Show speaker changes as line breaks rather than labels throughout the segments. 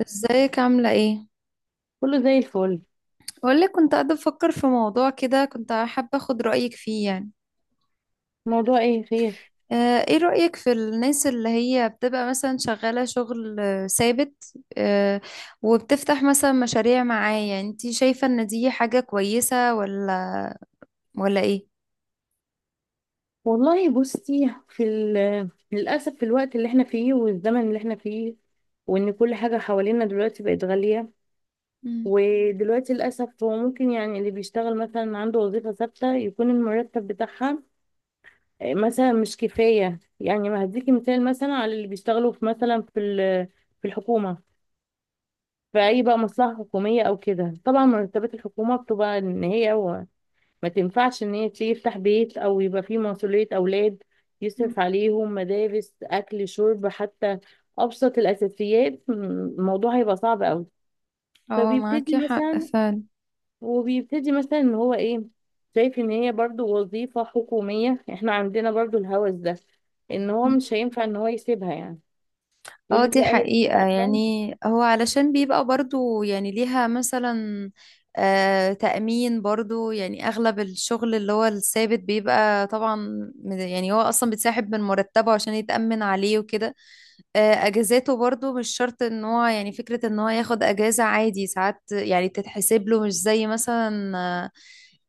ازيك عاملة ايه؟
كله زي الفل.
بقولك كنت قاعدة بفكر في موضوع كده، كنت حابة اخد رأيك فيه يعني.
موضوع ايه، خير؟
ايه رأيك في الناس اللي هي بتبقى مثلا شغالة شغل ثابت، وبتفتح مثلا مشاريع معايا؟ انتي شايفة ان دي حاجة كويسة ولا ايه؟
والله، بصي، للأسف في الوقت اللي احنا فيه والزمن اللي احنا فيه، وان كل حاجة حوالينا دلوقتي بقت غالية.
مم.
ودلوقتي للأسف هو ممكن، يعني اللي بيشتغل مثلا عنده وظيفة ثابتة، يكون المرتب بتاعها مثلا مش كفاية. يعني ما هديكي مثال مثلا على اللي بيشتغلوا في مثلا في الحكومة، في أي بقى مصلحة حكومية أو كده. طبعا مرتبات الحكومة بتبقى إن هي ما تنفعش ان هي تيجي تفتح بيت او يبقى فيه مسؤولية اولاد
مم.
يصرف عليهم مدارس اكل شرب، حتى ابسط الاساسيات. الموضوع هيبقى صعب قوي.
اه،
فبيبتدي
معاكي حق
مثلا،
فعلا.
وبيبتدي مثلا ان هو ايه، شايف ان هي برضو وظيفة حكومية. احنا عندنا برضو الهوس ده، ان هو مش هينفع ان هو يسيبها. يعني يقول
اه،
لك
دي
لا، هي
حقيقة يعني. هو علشان بيبقى برضو يعني ليها مثلا تأمين برضو، يعني أغلب الشغل اللي هو الثابت بيبقى طبعا يعني هو أصلا بيتسحب من مرتبه عشان يتأمن عليه وكده. آه، أجازاته برضو مش شرط، إن هو يعني فكرة إن هو ياخد أجازة عادي، ساعات يعني بتتحسب له مش زي مثلا آه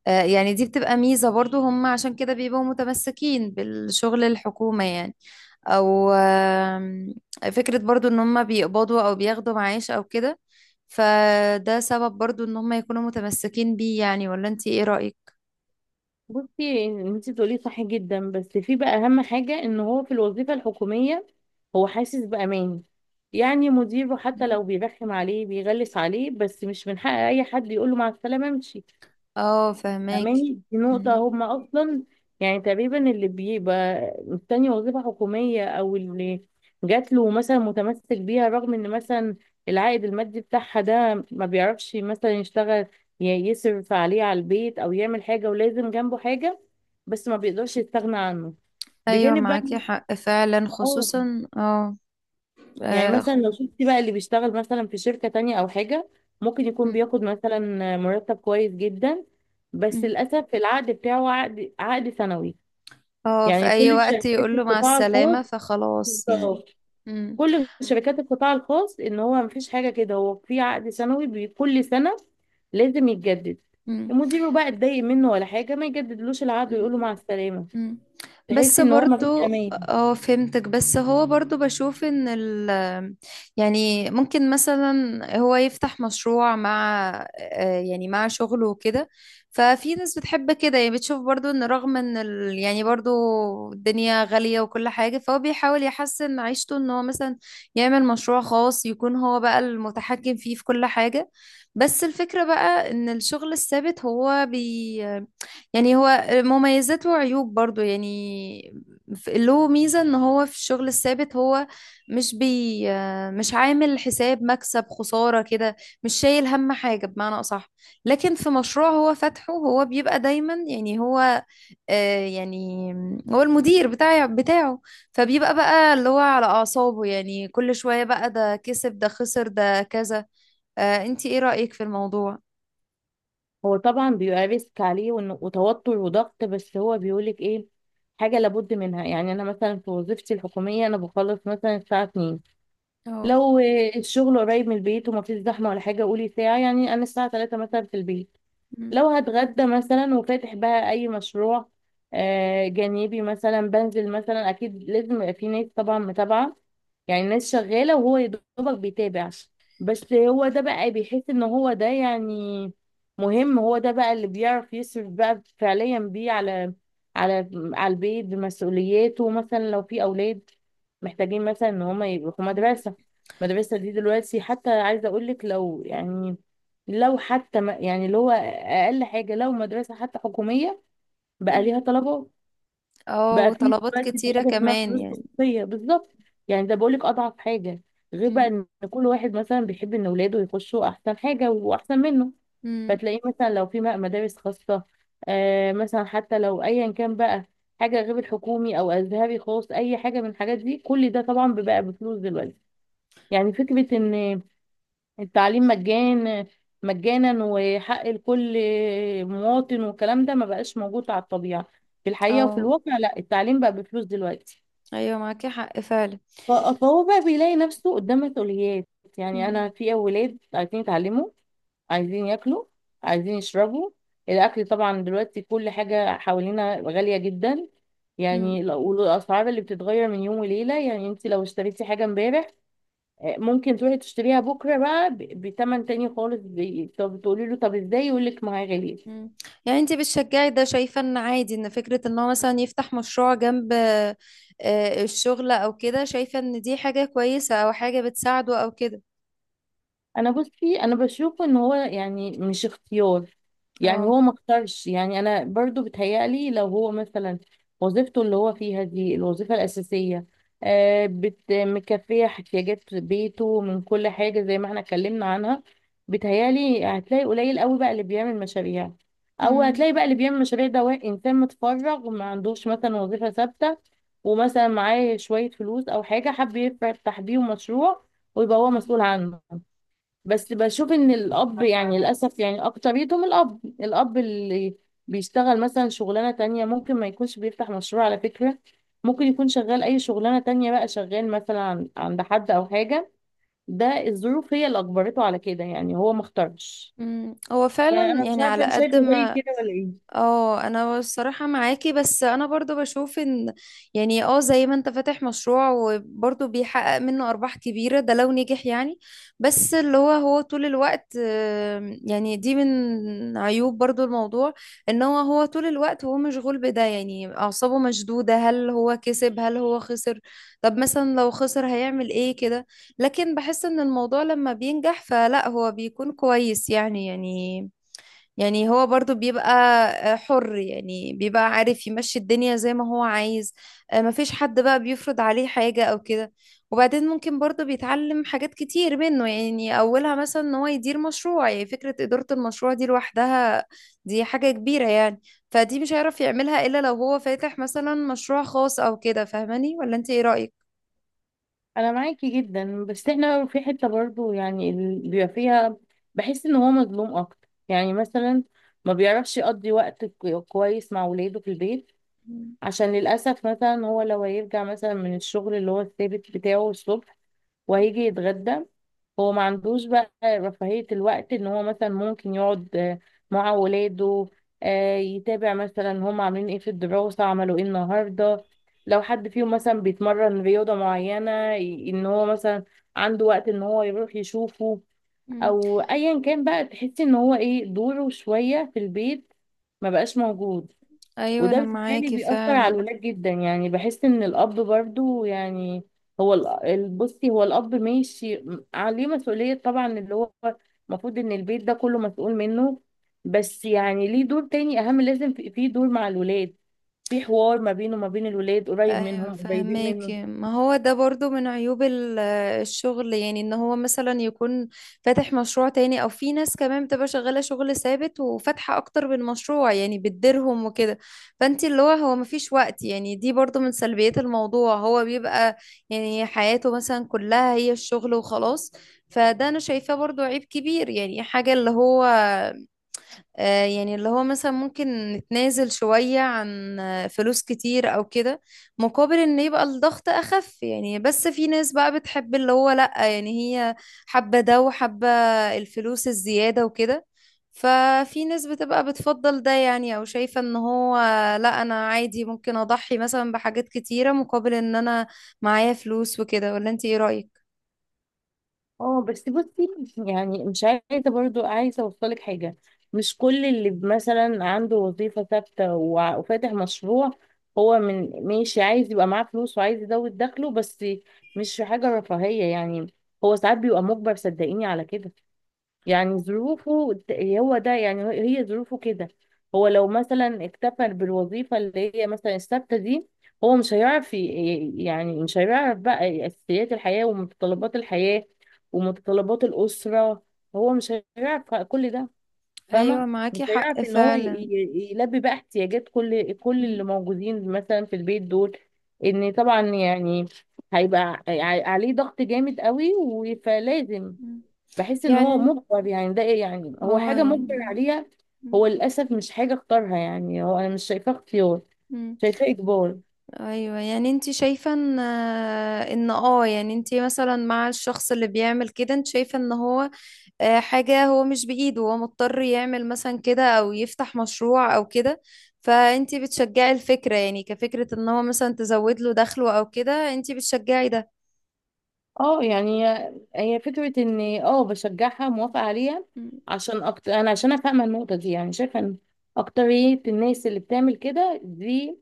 آه، يعني دي بتبقى ميزة برضو، هم عشان كده بيبقوا متمسكين بالشغل الحكومة يعني، او فكرة برضو ان هم بيقبضوا او بياخدوا معاش او كده. فده سبب برضو ان هم يكونوا متمسكين بيه يعني. ولا انتي ايه رأيك؟
بصي انت بتقولي صح جدا، بس في بقى اهم حاجة، ان هو في الوظيفة الحكومية هو حاسس بأمان. يعني مديره حتى لو بيرخم عليه بيغلس عليه، بس مش من حق اي حد يقوله مع السلامة، امشي.
اه، فهماكي.
فاهماني؟ دي نقطة
مم.
هما أصلا، يعني تقريبا اللي بيبقى مستني وظيفة حكومية، أو اللي جات له مثلا، متمسك بيها رغم إن مثلا العائد المادي بتاعها ده ما بيعرفش مثلا يشتغل يصرف عليه، على البيت، أو يعمل حاجة ولازم جنبه حاجة، بس ما بيقدرش يستغنى عنه
ايوه،
بجانب بقى.
معاكي حق فعلا،
اه
خصوصا اه.
يعني
اه
مثلا
خ-
لو شفتي بقى اللي بيشتغل مثلا في شركة تانية أو حاجة، ممكن يكون
مم.
بياخد مثلا مرتب كويس جدا، بس
مم.
للأسف العقد بتاعه عقد سنوي.
في
يعني
اي
كل
وقت
شركات
يقول له مع
القطاع الخاص.
السلامة فخلاص يعني.
بالظبط.
مم.
كل شركات القطاع الخاص، إن هو مفيش حاجة كده، هو في عقد سنوي، كل سنة لازم يتجدد. مديره بقى اتضايق منه ولا حاجة، ما يجددلوش العقد ويقول له
مم.
مع السلامة.
مم.
تحس
بس
إن هو مفيش
برضو
أمان.
اه فهمتك، بس هو برضو بشوف ان يعني ممكن مثلا هو يفتح مشروع مع يعني مع شغله وكده. ففي ناس بتحب كده يعني، بتشوف برضو ان رغم ان ال يعني برضو الدنيا غالية وكل حاجة، فهو بيحاول يحسن عيشته ان هو مثلا يعمل مشروع خاص يكون هو بقى المتحكم فيه في كل حاجة. بس الفكرة بقى ان الشغل الثابت هو بي يعني هو مميزات وعيوب برضو يعني. له ميزة ان هو في الشغل الثابت هو مش بي مش عامل حساب مكسب خسارة كده، مش شايل هم حاجة بمعنى أصح. لكن في مشروع هو فاتحه، هو بيبقى دايما يعني هو، آه، يعني هو المدير بتاعه. فبيبقى بقى اللي هو على أعصابه يعني، كل شوية بقى ده كسب ده خسر ده كذا. انتي ايه رأيك في الموضوع؟
هو طبعا بيبقى ريسك عليه، وتوتر وضغط، بس هو بيقولك ايه، حاجة لابد منها. يعني أنا مثلا في وظيفتي الحكومية، أنا بخلص مثلا الساعة 2،
اه.
لو الشغل قريب من البيت ومفيش زحمة ولا حاجة قولي ساعة، يعني أنا الساعة 3 مثلا في البيت.
مم.
لو هتغدى مثلا، وفاتح بقى اي مشروع جانبي مثلا، بنزل مثلا. اكيد لازم يبقى في ناس طبعا متابعه، يعني ناس شغاله وهو يا دوبك بيتابع. بس هو ده بقى بيحس ان هو ده يعني مهم، هو ده بقى اللي بيعرف يصرف بقى فعليا بيه على البيت بمسؤولياته. مثلا لو في اولاد محتاجين مثلا ان هم يروحوا مدرسه، المدرسه دي دلوقتي حتى عايزه اقول لك، لو يعني لو حتى ما يعني، اللي هو اقل حاجه، لو مدرسه حتى حكوميه بقى
مم.
ليها طلبات.
اه،
بقى في
وطلبات
دلوقتي في
كتيرة
حاجه اسمها
كمان
فلوس
يعني.
خصوصيه. بالظبط. يعني ده بقولك اضعف حاجه، غير بقى
مم.
ان كل واحد مثلا بيحب ان اولاده يخشوا احسن حاجه واحسن منه.
مم.
فتلاقيه مثلا لو في مدارس خاصه، آه مثلا، حتى لو ايا كان بقى، حاجه غير الحكومي او ازهري خاص اي حاجه من الحاجات دي، كل ده طبعا بيبقى بفلوس دلوقتي. يعني فكره ان التعليم مجانا، مجانا وحق لكل مواطن، والكلام ده ما بقاش موجود على الطبيعة، في الحقيقة وفي
اه.
الواقع. لا، التعليم بقى بفلوس دلوقتي.
ايوه، معاكي حق فعلا.
فهو بقى بيلاقي نفسه قدام مسؤوليات. يعني
مم.
أنا في أولاد عايزين يتعلموا، عايزين ياكلوا، عايزين يشربوا. الأكل طبعا دلوقتي كل حاجة حوالينا غالية جدا.
مم.
يعني والأسعار اللي بتتغير من يوم وليلة، يعني انت لو اشتريتي حاجة امبارح، ممكن تروحي تشتريها بكره بقى بتمن تاني خالص. طب تقولي له طب ازاي، يقول لك ما هي غاليه.
مم. يعني انتي بتشجعي ده؟ شايفة ان عادي، ان فكرة ان هو مثلا يفتح مشروع جنب الشغل او كده؟ شايفة ان دي حاجة كويسة او حاجة بتساعده او كده؟
انا بصي، انا بشوف ان هو يعني مش اختيار، يعني
اه.
هو ما اختارش. يعني انا برضو بتهيألي لو هو مثلا وظيفته اللي هو فيها دي الوظيفة الأساسية، آه بت مكفية احتياجات بيته من كل حاجة زي ما احنا اتكلمنا عنها، بتهيألي هتلاقي قليل قوي بقى اللي بيعمل مشاريع. او
مم.
هتلاقي بقى اللي بيعمل مشاريع ده انسان متفرغ وما عندوش مثلا وظيفة ثابتة، ومثلا معاه شوية فلوس او حاجة حب يفتح بيهم مشروع ويبقى هو مسؤول عنه. بس بشوف ان الاب يعني للاسف يعني اكتريتهم، الاب اللي بيشتغل مثلا شغلانه تانية، ممكن ما يكونش بيفتح مشروع على فكره. ممكن يكون شغال اي شغلانه تانية بقى، شغال مثلا عند حد او حاجه. ده الظروف هي اللي اجبرته على كده، يعني هو ما اختارش.
مم. هو فعلا
فانا مش
يعني
عارفه
على
انت شايفه
قد
زي
ما.
كده ولا ايه.
اه، انا الصراحة معاكي، بس انا برضو بشوف ان يعني اه زي ما انت فاتح مشروع وبرضو بيحقق منه ارباح كبيرة، ده لو نجح يعني. بس اللي هو هو طول الوقت يعني دي من عيوب برضو الموضوع، ان هو هو طول الوقت هو مشغول بده يعني، اعصابه مشدودة، هل هو كسب هل هو خسر؟ طب مثلا لو خسر هيعمل ايه كده؟ لكن بحس ان الموضوع لما بينجح فلا هو بيكون كويس يعني، يعني هو برضو بيبقى حر يعني، بيبقى عارف يمشي الدنيا زي ما هو عايز، مفيش حد بقى بيفرض عليه حاجة أو كده. وبعدين ممكن برضو بيتعلم حاجات كتير منه يعني، أولها مثلا إن هو يدير مشروع. يعني فكرة إدارة المشروع دي لوحدها دي حاجة كبيرة يعني. فدي مش هيعرف يعملها إلا لو هو فاتح مثلا مشروع خاص أو كده. فاهماني ولا أنت إيه رأيك؟
انا معاكي جدا، بس احنا في حته برضو يعني بيبقى فيها، بحس ان هو مظلوم اكتر. يعني مثلا ما بيعرفش يقضي وقت كويس مع ولاده في البيت،
مم.
عشان للأسف مثلا هو لو هيرجع مثلا من الشغل اللي هو الثابت بتاعه الصبح وهيجي يتغدى، هو ما عندوش بقى رفاهية الوقت ان هو مثلا ممكن يقعد مع ولاده، يتابع مثلا هم عاملين ايه في الدراسة، عملوا ايه النهاردة، لو حد فيهم مثلا بيتمرن رياضة معينة، ان هو مثلا عنده وقت ان هو يروح يشوفه،
مم.
او ايا كان بقى. تحسي ان هو ايه، دوره شوية في البيت ما بقاش موجود.
أيوة،
وده
أنا
بالتالي
معاكي
بيأثر على
فعلا.
الولاد جدا. يعني بحس ان الاب برضو، يعني هو بصي، هو الاب ماشي، عليه مسؤولية طبعا، اللي هو المفروض ان البيت ده كله مسؤول منه، بس يعني ليه دور تاني اهم. لازم في دور مع الولاد، في حوار ما بينه وما بين الولاد، قريب
ايوه
منهم قريبين منه.
فهماكي. ما هو ده برضو من عيوب الشغل يعني، ان هو مثلا يكون فاتح مشروع تاني، او في ناس كمان بتبقى شغالة شغل ثابت وفاتحة اكتر من مشروع يعني بتديرهم وكده. فانت اللي هو هو مفيش وقت، يعني دي برضو من سلبيات الموضوع، هو بيبقى يعني حياته مثلا كلها هي الشغل وخلاص. فده انا شايفاه برضو عيب كبير يعني. حاجة اللي هو يعني اللي هو مثلا ممكن نتنازل شوية عن فلوس كتير أو كده مقابل إن يبقى الضغط أخف يعني. بس في ناس بقى بتحب اللي هو لأ، يعني هي حابة ده، وحابة الفلوس الزيادة وكده. ففي ناس بتبقى بتفضل ده يعني، أو شايفة إن هو لأ، أنا عادي ممكن أضحي مثلا بحاجات كتيرة مقابل إن أنا معايا فلوس وكده. ولا أنت إيه رأيك؟
اه بس بصي، يعني مش عايزه برضو، عايزه اوصلك حاجه. مش كل اللي مثلا عنده وظيفه ثابته وفاتح مشروع هو من ماشي عايز يبقى معاه فلوس وعايز يزود دخله بس. مش حاجه رفاهيه. يعني هو ساعات بيبقى مجبر صدقيني على كده. يعني ظروفه، هو ده يعني، هي هي ظروفه كده. هو لو مثلا اكتفى بالوظيفة اللي هي مثلا الثابتة دي، هو مش هيعرف يعني مش هيعرف بقى أساسيات الحياة ومتطلبات الحياة ومتطلبات الأسرة. هو مش هيعرف كل ده. فاهمة؟
أيوة
مش
معاكي حق
هيعرف ان هو
فعلا.
يلبي بقى احتياجات كل اللي
م-
موجودين مثلا في البيت دول. ان طبعا يعني هيبقى عليه ضغط جامد قوي فلازم.
م.
بحس ان
يعني
هو
أنت-
مجبر، يعني ده إيه، يعني هو
اه
حاجه
يعني
مجبر عليها.
م.
هو للاسف مش حاجه اختارها، يعني هو انا مش شايفاه اختيار،
مم.
شايفاه اجبار.
ايوه يعني انت شايفه ان ان اه يعني انت مثلا مع الشخص اللي بيعمل كده، انت شايفه ان هو حاجه هو مش بايده، هو مضطر يعمل مثلا كده او يفتح مشروع او كده. فانت بتشجعي الفكره يعني، كفكره ان هو مثلا تزود له دخله او كده، انت بتشجعي ده؟
اه يعني هي فكره، ان بشجعها، موافقه عليها.
مم.
عشان أكتر انا، عشان أنا فاهمه النقطه دي، يعني شايفه ان اكتريه الناس اللي بتعمل كده دي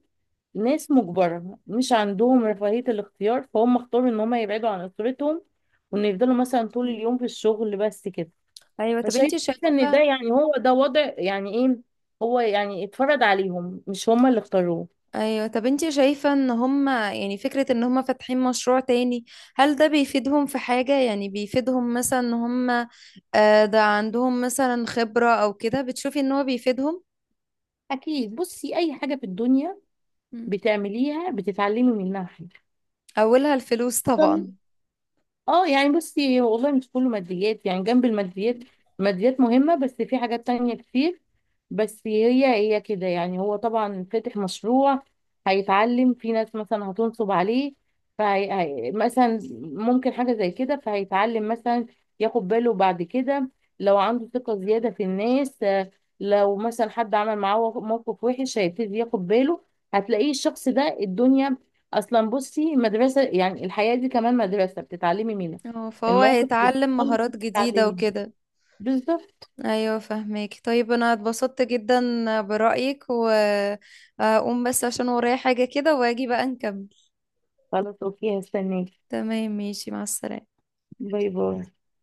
ناس مجبره مش عندهم رفاهيه الاختيار. فهم اختاروا ان هم يبعدوا عن اسرتهم، وان يفضلوا مثلا طول
مم.
اليوم في الشغل بس كده.
ايوه طب انت
فشايفة ان
شايفه.
ده يعني هو ده وضع، يعني ايه، هو يعني اتفرض عليهم مش هما اللي اختاروه.
ايوه طب انتي شايفة ان هما يعني فكرة ان هما فاتحين مشروع تاني، هل ده بيفيدهم في حاجة؟ يعني بيفيدهم مثلا ان هما ده عندهم مثلا خبرة او كده؟ بتشوفي ان هو بيفيدهم؟
اكيد، بصي، اي حاجة في الدنيا
مم.
بتعمليها بتتعلمي منها حاجة.
اولها الفلوس طبعا.
اه، يعني بصي، هو والله مش كله ماديات، يعني جنب الماديات،
مم.
الماديات مهمة بس في حاجات تانية كتير. بس هي هي كده. يعني هو طبعا فاتح مشروع هيتعلم، في ناس مثلا هتنصب عليه، فهي مثلا ممكن حاجة زي كده، فهيتعلم مثلا ياخد باله بعد كده. لو عنده ثقة زيادة في الناس لو مثلا حد عمل معاه موقف وحش هيبتدي ياخد باله. هتلاقيه الشخص ده الدنيا اصلا بصي مدرسه، يعني الحياه دي كمان مدرسه بتتعلمي منها،
اه، فهو
المواقف اللي
هيتعلم
بتحصل لك دي
مهارات جديدة
بتتعلمي.
وكده.
بالظبط.
ايوه فهماكي. طيب انا اتبسطت جدا برأيك، واقوم بس عشان ورايا حاجة كده، واجي بقى نكمل.
خلاص، اوكي، هستناكي.
تمام، ماشي، مع السلامة.
باي باي.